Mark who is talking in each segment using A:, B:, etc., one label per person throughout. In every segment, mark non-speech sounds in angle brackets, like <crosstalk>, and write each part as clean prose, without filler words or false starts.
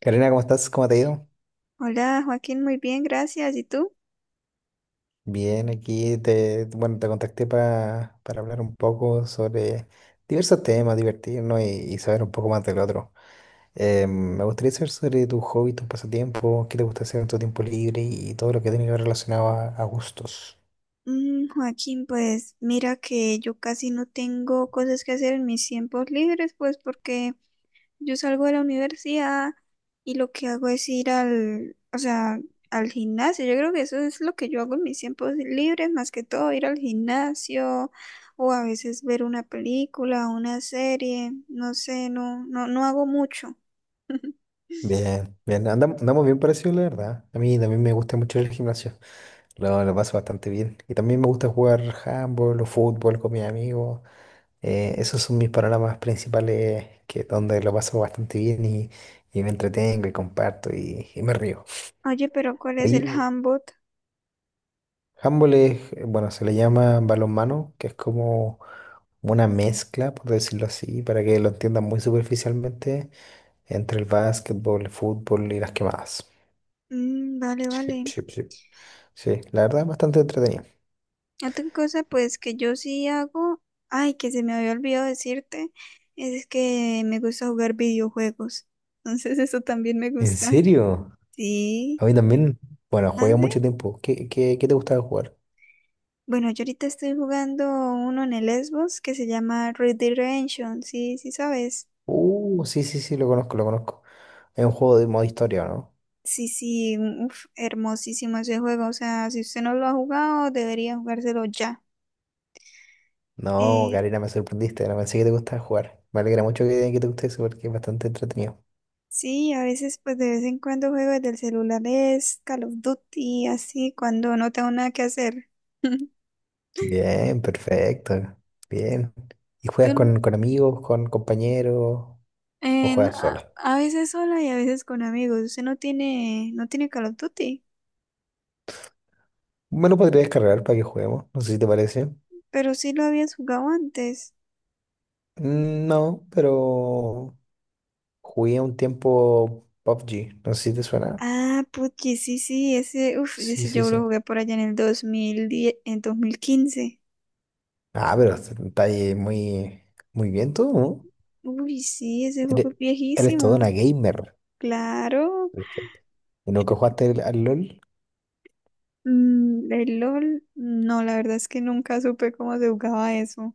A: Karina, ¿cómo estás? ¿Cómo te ha ido?
B: Hola Joaquín, muy bien, gracias. ¿Y tú?
A: Bien, aquí bueno, te contacté para hablar un poco sobre diversos temas, divertirnos y saber un poco más del otro. Me gustaría saber sobre tu hobby, tus pasatiempos, qué te gusta hacer en tu tiempo libre y todo lo que tiene que ver relacionado a gustos.
B: Joaquín, pues mira que yo casi no tengo cosas que hacer en mis tiempos libres, pues porque yo salgo de la universidad y lo que hago es o sea, al gimnasio. Yo creo que eso es lo que yo hago en mis tiempos libres, más que todo ir al gimnasio o a veces ver una película, una serie, no sé, no hago mucho. <laughs>
A: Bien, bien, andamos bien parecidos, la verdad. A mí también me gusta mucho el gimnasio, lo paso bastante bien. Y también me gusta jugar handball o fútbol con mis amigos. Esos son mis panoramas principales, que donde lo paso bastante bien y me entretengo y comparto y me río.
B: Oye, pero ¿cuál es el
A: Oye,
B: handbook?
A: handball es, bueno, se le llama balonmano, que es como una mezcla, por decirlo así, para que lo entiendan muy superficialmente, entre el básquetbol, el fútbol y las quemadas.
B: Mm,
A: Sí,
B: vale.
A: sí, sí. Sí, la verdad es bastante entretenido.
B: Otra cosa, pues que yo sí hago, ay, que se me había olvidado decirte, es que me gusta jugar videojuegos. Entonces <laughs> eso también me
A: ¿En
B: gusta.
A: serio? A
B: Sí.
A: mí también, bueno,
B: ¿Ah,
A: jugué
B: sí?
A: mucho tiempo. ¿Qué te gustaba jugar?
B: Bueno, yo ahorita estoy jugando uno en el Xbox que se llama Red Dead Redemption, sí, sí sabes.
A: Sí, sí, sí, lo conozco, lo conozco. Es un juego de modo historia, ¿o no?
B: Sí, sí, uf, hermosísimo ese juego. O sea, si usted no lo ha jugado, debería jugárselo ya.
A: No,
B: Eh,
A: Karina, me sorprendiste, no pensé que te gustaba jugar. Me alegra mucho que te guste eso porque es bastante entretenido.
B: sí, a veces pues de vez en cuando juego desde el celular es Call of Duty, así cuando no tengo nada que hacer. <laughs>
A: Bien, perfecto. Bien. ¿Y juegas
B: Tú,
A: con amigos, con compañeros o
B: no,
A: juegas sola?
B: a veces sola y a veces con amigos. Usted no tiene Call of Duty,
A: Me lo podría descargar para que juguemos, no sé si te parece.
B: pero sí lo habías jugado antes.
A: No, pero jugué un tiempo PUBG, no sé si te suena.
B: Ah, puchi, sí, sí, ese, uf,
A: Sí,
B: ese
A: sí,
B: yo lo
A: sí.
B: jugué por allá en el 2010, en 2015.
A: Ah, pero está ahí muy, muy bien todo, ¿no?
B: Uy, sí, ese juego
A: Eres,
B: es
A: eres toda
B: viejísimo.
A: una gamer.
B: Claro.
A: Perfecto. ¿Y nunca jugaste al LOL?
B: Mm, el LOL, no, la verdad es que nunca supe cómo se jugaba eso.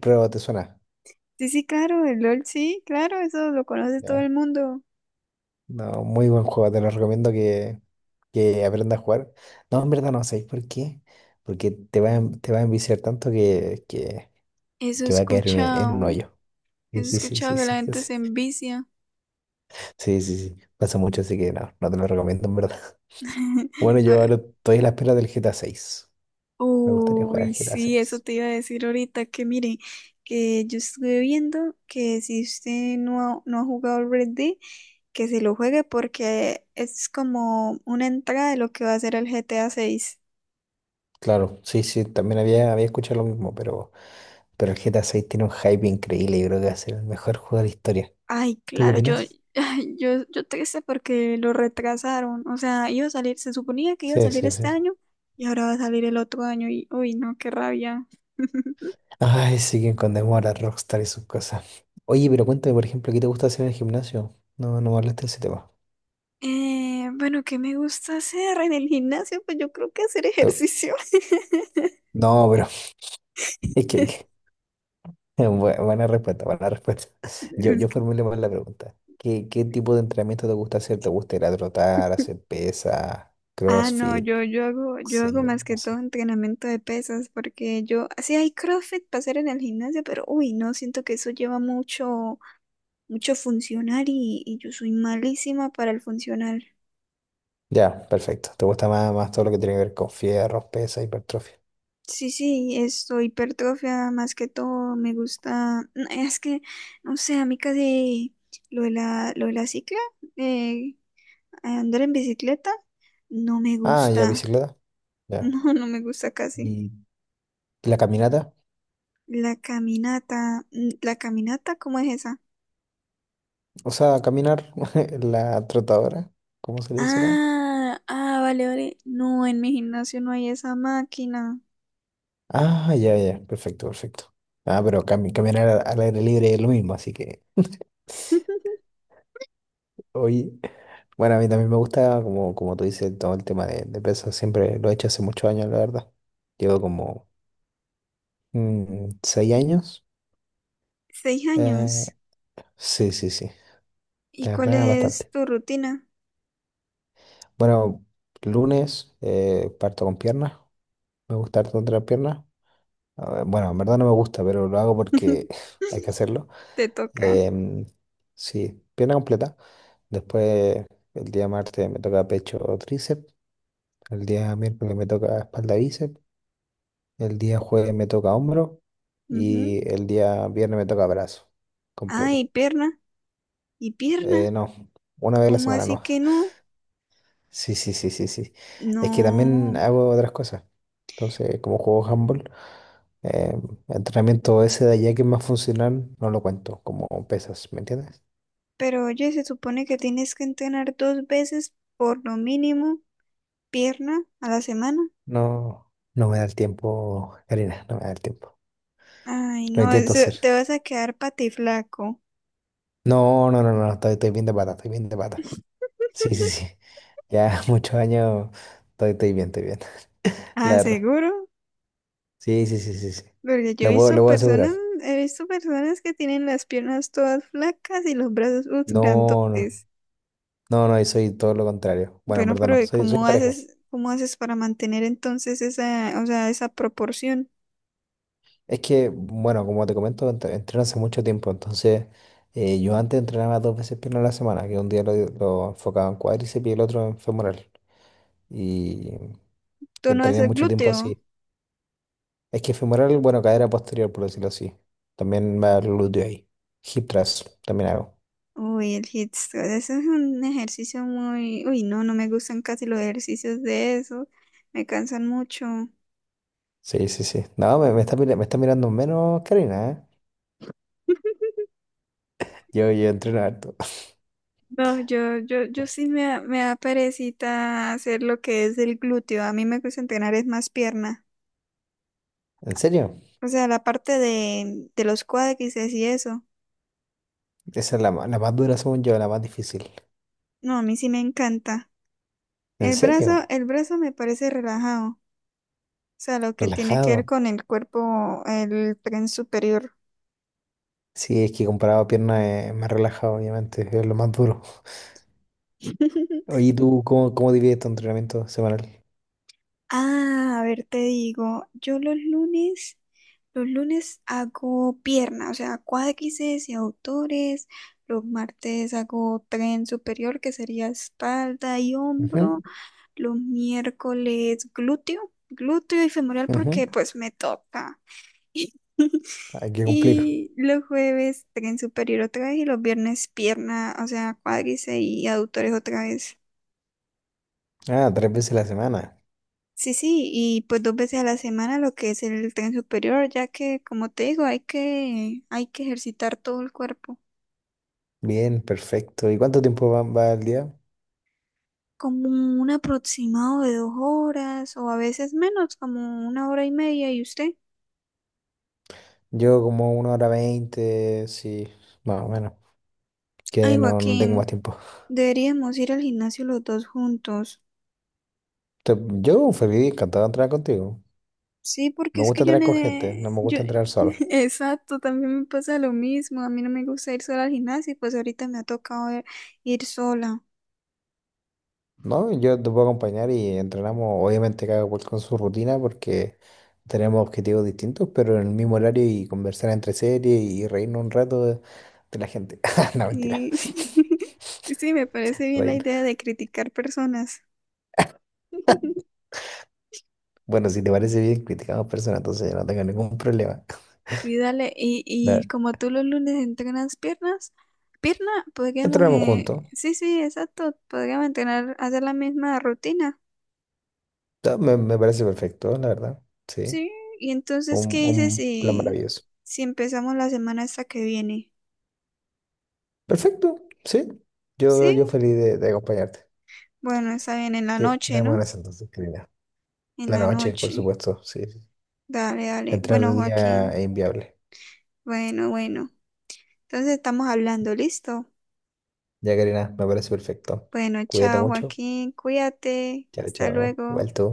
A: Pero te suena.
B: Sí, sí, claro, el LOL, sí, claro, eso lo conoce todo
A: Ya.
B: el mundo.
A: No, muy buen juego. Te lo recomiendo que aprendas a jugar. No, en verdad no, ¿sabéis por qué? Porque te va a enviciar tanto que, que,
B: Eso he
A: que va a caer en un
B: escuchado,
A: hoyo. Sí,
B: eso he
A: sí, sí,
B: escuchado
A: sí,
B: que la
A: sí. Yo
B: gente se
A: sé.
B: envicia.
A: Sí, sí, sí. Pasa mucho, así que no, no te lo recomiendo, en verdad. <laughs> Bueno,
B: <laughs> A
A: yo
B: ver.
A: ahora estoy a la espera del GTA 6. Me gustaría jugar al
B: Uy,
A: GTA
B: sí, eso
A: 6.
B: te iba a decir ahorita, que mire, que yo estuve viendo que si usted no ha jugado al Red Dead, que se lo juegue porque es como una entrada de lo que va a ser el GTA 6.
A: Claro, sí, sí, también había escuchado lo mismo. Pero el GTA 6 tiene un hype increíble. Yo creo que va a ser el mejor juego de la historia.
B: Ay,
A: ¿Tú qué
B: claro,
A: opinas?
B: yo triste porque lo retrasaron. O sea, iba a salir, se suponía que iba a
A: Sí,
B: salir
A: sí, sí.
B: este año y ahora va a salir el otro año y, uy, no, qué rabia. <laughs>
A: Ay, siguen con demora Rockstar y sus cosas. Oye, pero cuéntame, por ejemplo, ¿qué te gusta hacer en el gimnasio? No, no me hablaste de ese tema.
B: Bueno, ¿qué me gusta hacer en el gimnasio? Pues yo creo que hacer
A: Te-
B: ejercicio.
A: No, pero <laughs> es que
B: <laughs>
A: <laughs> buena respuesta, buena respuesta. <laughs> Yo,
B: Es
A: yo
B: que-
A: formulé mal la pregunta. ¿Qué tipo de entrenamiento te gusta hacer? ¿Te gusta ir a trotar, hacer pesa,
B: Ah, no,
A: CrossFit?
B: yo hago
A: Sí,
B: más
A: no
B: que todo
A: sé.
B: entrenamiento de pesas porque yo, sí hay CrossFit para hacer en el gimnasio, pero uy, no, siento que eso lleva mucho funcional y yo soy malísima para el funcional.
A: Ya, perfecto. ¿Te gusta más todo lo que tiene que ver con fierros, pesa, hipertrofia?
B: Sí, hipertrofia más que todo, me gusta, no, es que, no sé, a mí casi lo de la cicla, eh, andar en bicicleta, no me
A: Ah, ya,
B: gusta,
A: bicicleta.
B: <laughs>
A: Ya.
B: no, no me gusta casi.
A: ¿Y la caminata?
B: La caminata, mm, la caminata, ¿cómo es esa?
A: O sea, caminar, <laughs> la trotadora, ¿cómo se le dice acá?
B: Vale, vale, no, en mi gimnasio no hay esa máquina.
A: Ah, ya, ya, perfecto, perfecto. Ah, pero caminar al aire libre es lo mismo, así que... <sniffs>
B: <laughs>
A: Oye, bueno, a mí también me gusta, como tú dices, todo el tema de peso. Siempre lo he hecho hace muchos años, la verdad. Llevo como 6 años.
B: Seis
A: Eh,
B: años,
A: sí, sí, sí.
B: ¿y
A: La
B: cuál
A: verdad,
B: es
A: bastante.
B: tu rutina?
A: Bueno, lunes parto con piernas. Me gusta harto entrenar piernas. A ver, bueno, en verdad no me gusta, pero lo hago porque
B: <laughs>
A: <laughs> hay que hacerlo.
B: Te toca.
A: Em, sí, pierna completa. Después, el día martes me toca pecho o tríceps. El día miércoles me toca espalda y bíceps. El día jueves me toca hombro.
B: Ujú.
A: Y el día viernes me toca brazo completo.
B: Ay, pierna. ¿Y pierna?
A: No, una vez a la
B: ¿Cómo
A: semana
B: así
A: no.
B: que no?
A: Sí, sí, sí, sí, sí. Es que también
B: No.
A: hago otras cosas. Entonces, como juego handball, eh, entrenamiento ese de allá que es más funcional, no lo cuento como pesas, ¿me entiendes?
B: Pero oye, se supone que tienes que entrenar dos veces por lo mínimo pierna a la semana.
A: No, no me da el tiempo, Karina, no me da el tiempo.
B: Ay,
A: Lo
B: no,
A: intento
B: eso,
A: hacer.
B: te vas a quedar patiflaco.
A: No, no, no, no, estoy bien de pata, estoy bien de pata. Sí, sí,
B: <laughs>
A: sí. Ya <laughs> muchos años estoy bien, estoy bien, <laughs> la
B: Ah,
A: verdad.
B: seguro,
A: Sí, sí, sí, sí, sí.
B: porque yo
A: Lo puedo, lo puedo asegurar.
B: he visto personas que tienen las piernas todas flacas y los brazos
A: No, no,
B: grandotes.
A: no, no, y soy todo lo contrario. Bueno, en
B: Bueno,
A: verdad
B: pero
A: no,
B: ¿y
A: soy
B: ¿cómo
A: parejo.
B: haces, cómo haces para mantener entonces esa, o sea, esa proporción?
A: Es que, bueno, como te comento, entreno hace mucho tiempo, entonces yo antes entrenaba dos veces pierna a la semana, que un día lo enfocaba en cuádriceps y el otro en femoral. Y
B: ¿Tú no
A: entrené
B: haces
A: mucho tiempo
B: glúteo?
A: así. Es que femoral, bueno, cadera posterior, por decirlo así. También va el glúteo ahí. Hip thrust, también hago.
B: Uy, el hit squad, eso es un ejercicio muy… Uy, no, no me gustan casi los ejercicios de eso. Me cansan mucho.
A: Sí, sí, sí. No, me está mirando menos Karina, ¿eh?
B: <laughs>
A: Yo entreno harto.
B: No, yo
A: <laughs>
B: sí me da perecita hacer lo que es el glúteo. A mí me gusta entrenar es más pierna.
A: ¿En serio?
B: O sea, la parte de los cuádriceps y eso.
A: Esa es la más dura, según yo, la más difícil.
B: No, a mí sí me encanta.
A: ¿En serio?
B: El brazo me parece relajado. O sea, lo que tiene que ver
A: Relajado.
B: con el cuerpo, el tren superior.
A: Sí, es que comparado a piernas es más relajado, obviamente, es lo más duro.
B: <laughs>
A: Oye, ¿y tú cómo, divides tu entrenamiento semanal?
B: A ver, te digo, los lunes hago pierna, o sea, cuádriceps y autores, los martes hago tren superior, que sería espalda y hombro,
A: Ujú,
B: los miércoles glúteo, glúteo y femoral
A: ujú,
B: porque pues me toca. <laughs>
A: hay que cumplir.
B: Y los jueves tren superior otra vez y los viernes pierna, o sea, cuádriceps y autores otra vez.
A: Ah, tres veces a la semana.
B: Sí, sí, y pues dos veces a la semana lo que es el tren superior, ya que como te digo, hay que ejercitar todo el cuerpo,
A: Bien, perfecto. ¿Y cuánto tiempo va al día?
B: como un aproximado de dos horas o a veces menos, como una hora y media. ¿Y usted?
A: Yo como una hora veinte, sí, más o menos, que
B: Ay,
A: no, no tengo más
B: Joaquín,
A: tiempo.
B: deberíamos ir al gimnasio los dos juntos.
A: Yo feliz, encantado de entrenar contigo.
B: Sí, porque
A: Me
B: es
A: gusta
B: que yo,
A: entrenar con gente, no
B: ne-
A: me
B: yo,
A: gusta entrenar solo.
B: <laughs> exacto, también me pasa lo mismo, a mí no me gusta ir sola al gimnasio, y pues ahorita me ha tocado ir sola.
A: No, yo te puedo acompañar y entrenamos, obviamente cada cual con su rutina porque tenemos objetivos distintos, pero en el mismo horario y conversar entre series y reírnos un rato de la gente. <laughs> No, mentira.
B: Sí, <laughs> sí, me parece bien la
A: Reír.
B: idea de criticar personas. <laughs>
A: Bueno, si te parece bien, criticamos personas, entonces yo no tengo ningún problema.
B: Sí, dale. Y
A: Da-
B: como tú los lunes entrenas piernas, pierna, podríamos,
A: Entrenamos juntos.
B: exacto, podríamos entrenar, hacer la misma rutina.
A: Me parece perfecto, la verdad. Sí,
B: Sí, y entonces, ¿qué
A: un,
B: dices
A: un plan
B: si,
A: maravilloso.
B: si empezamos la semana esta que viene?
A: Perfecto, sí. Yo,
B: Sí,
A: yo feliz de acompañarte.
B: bueno, está bien, en la
A: ¿Qué
B: noche,
A: tenemos
B: ¿no?
A: en ese entonces, querida?
B: En
A: La
B: la
A: noche, por
B: noche.
A: supuesto, sí. Sí, sí.
B: Dale, dale.
A: Entrar de
B: Bueno,
A: día
B: Joaquín,
A: es inviable.
B: bueno. Entonces estamos hablando, ¿listo?
A: Ya, Karina, me parece perfecto.
B: Bueno,
A: Cuídate
B: chao
A: mucho.
B: Joaquín, cuídate,
A: Chao,
B: hasta
A: chao.
B: luego.
A: Igual tú.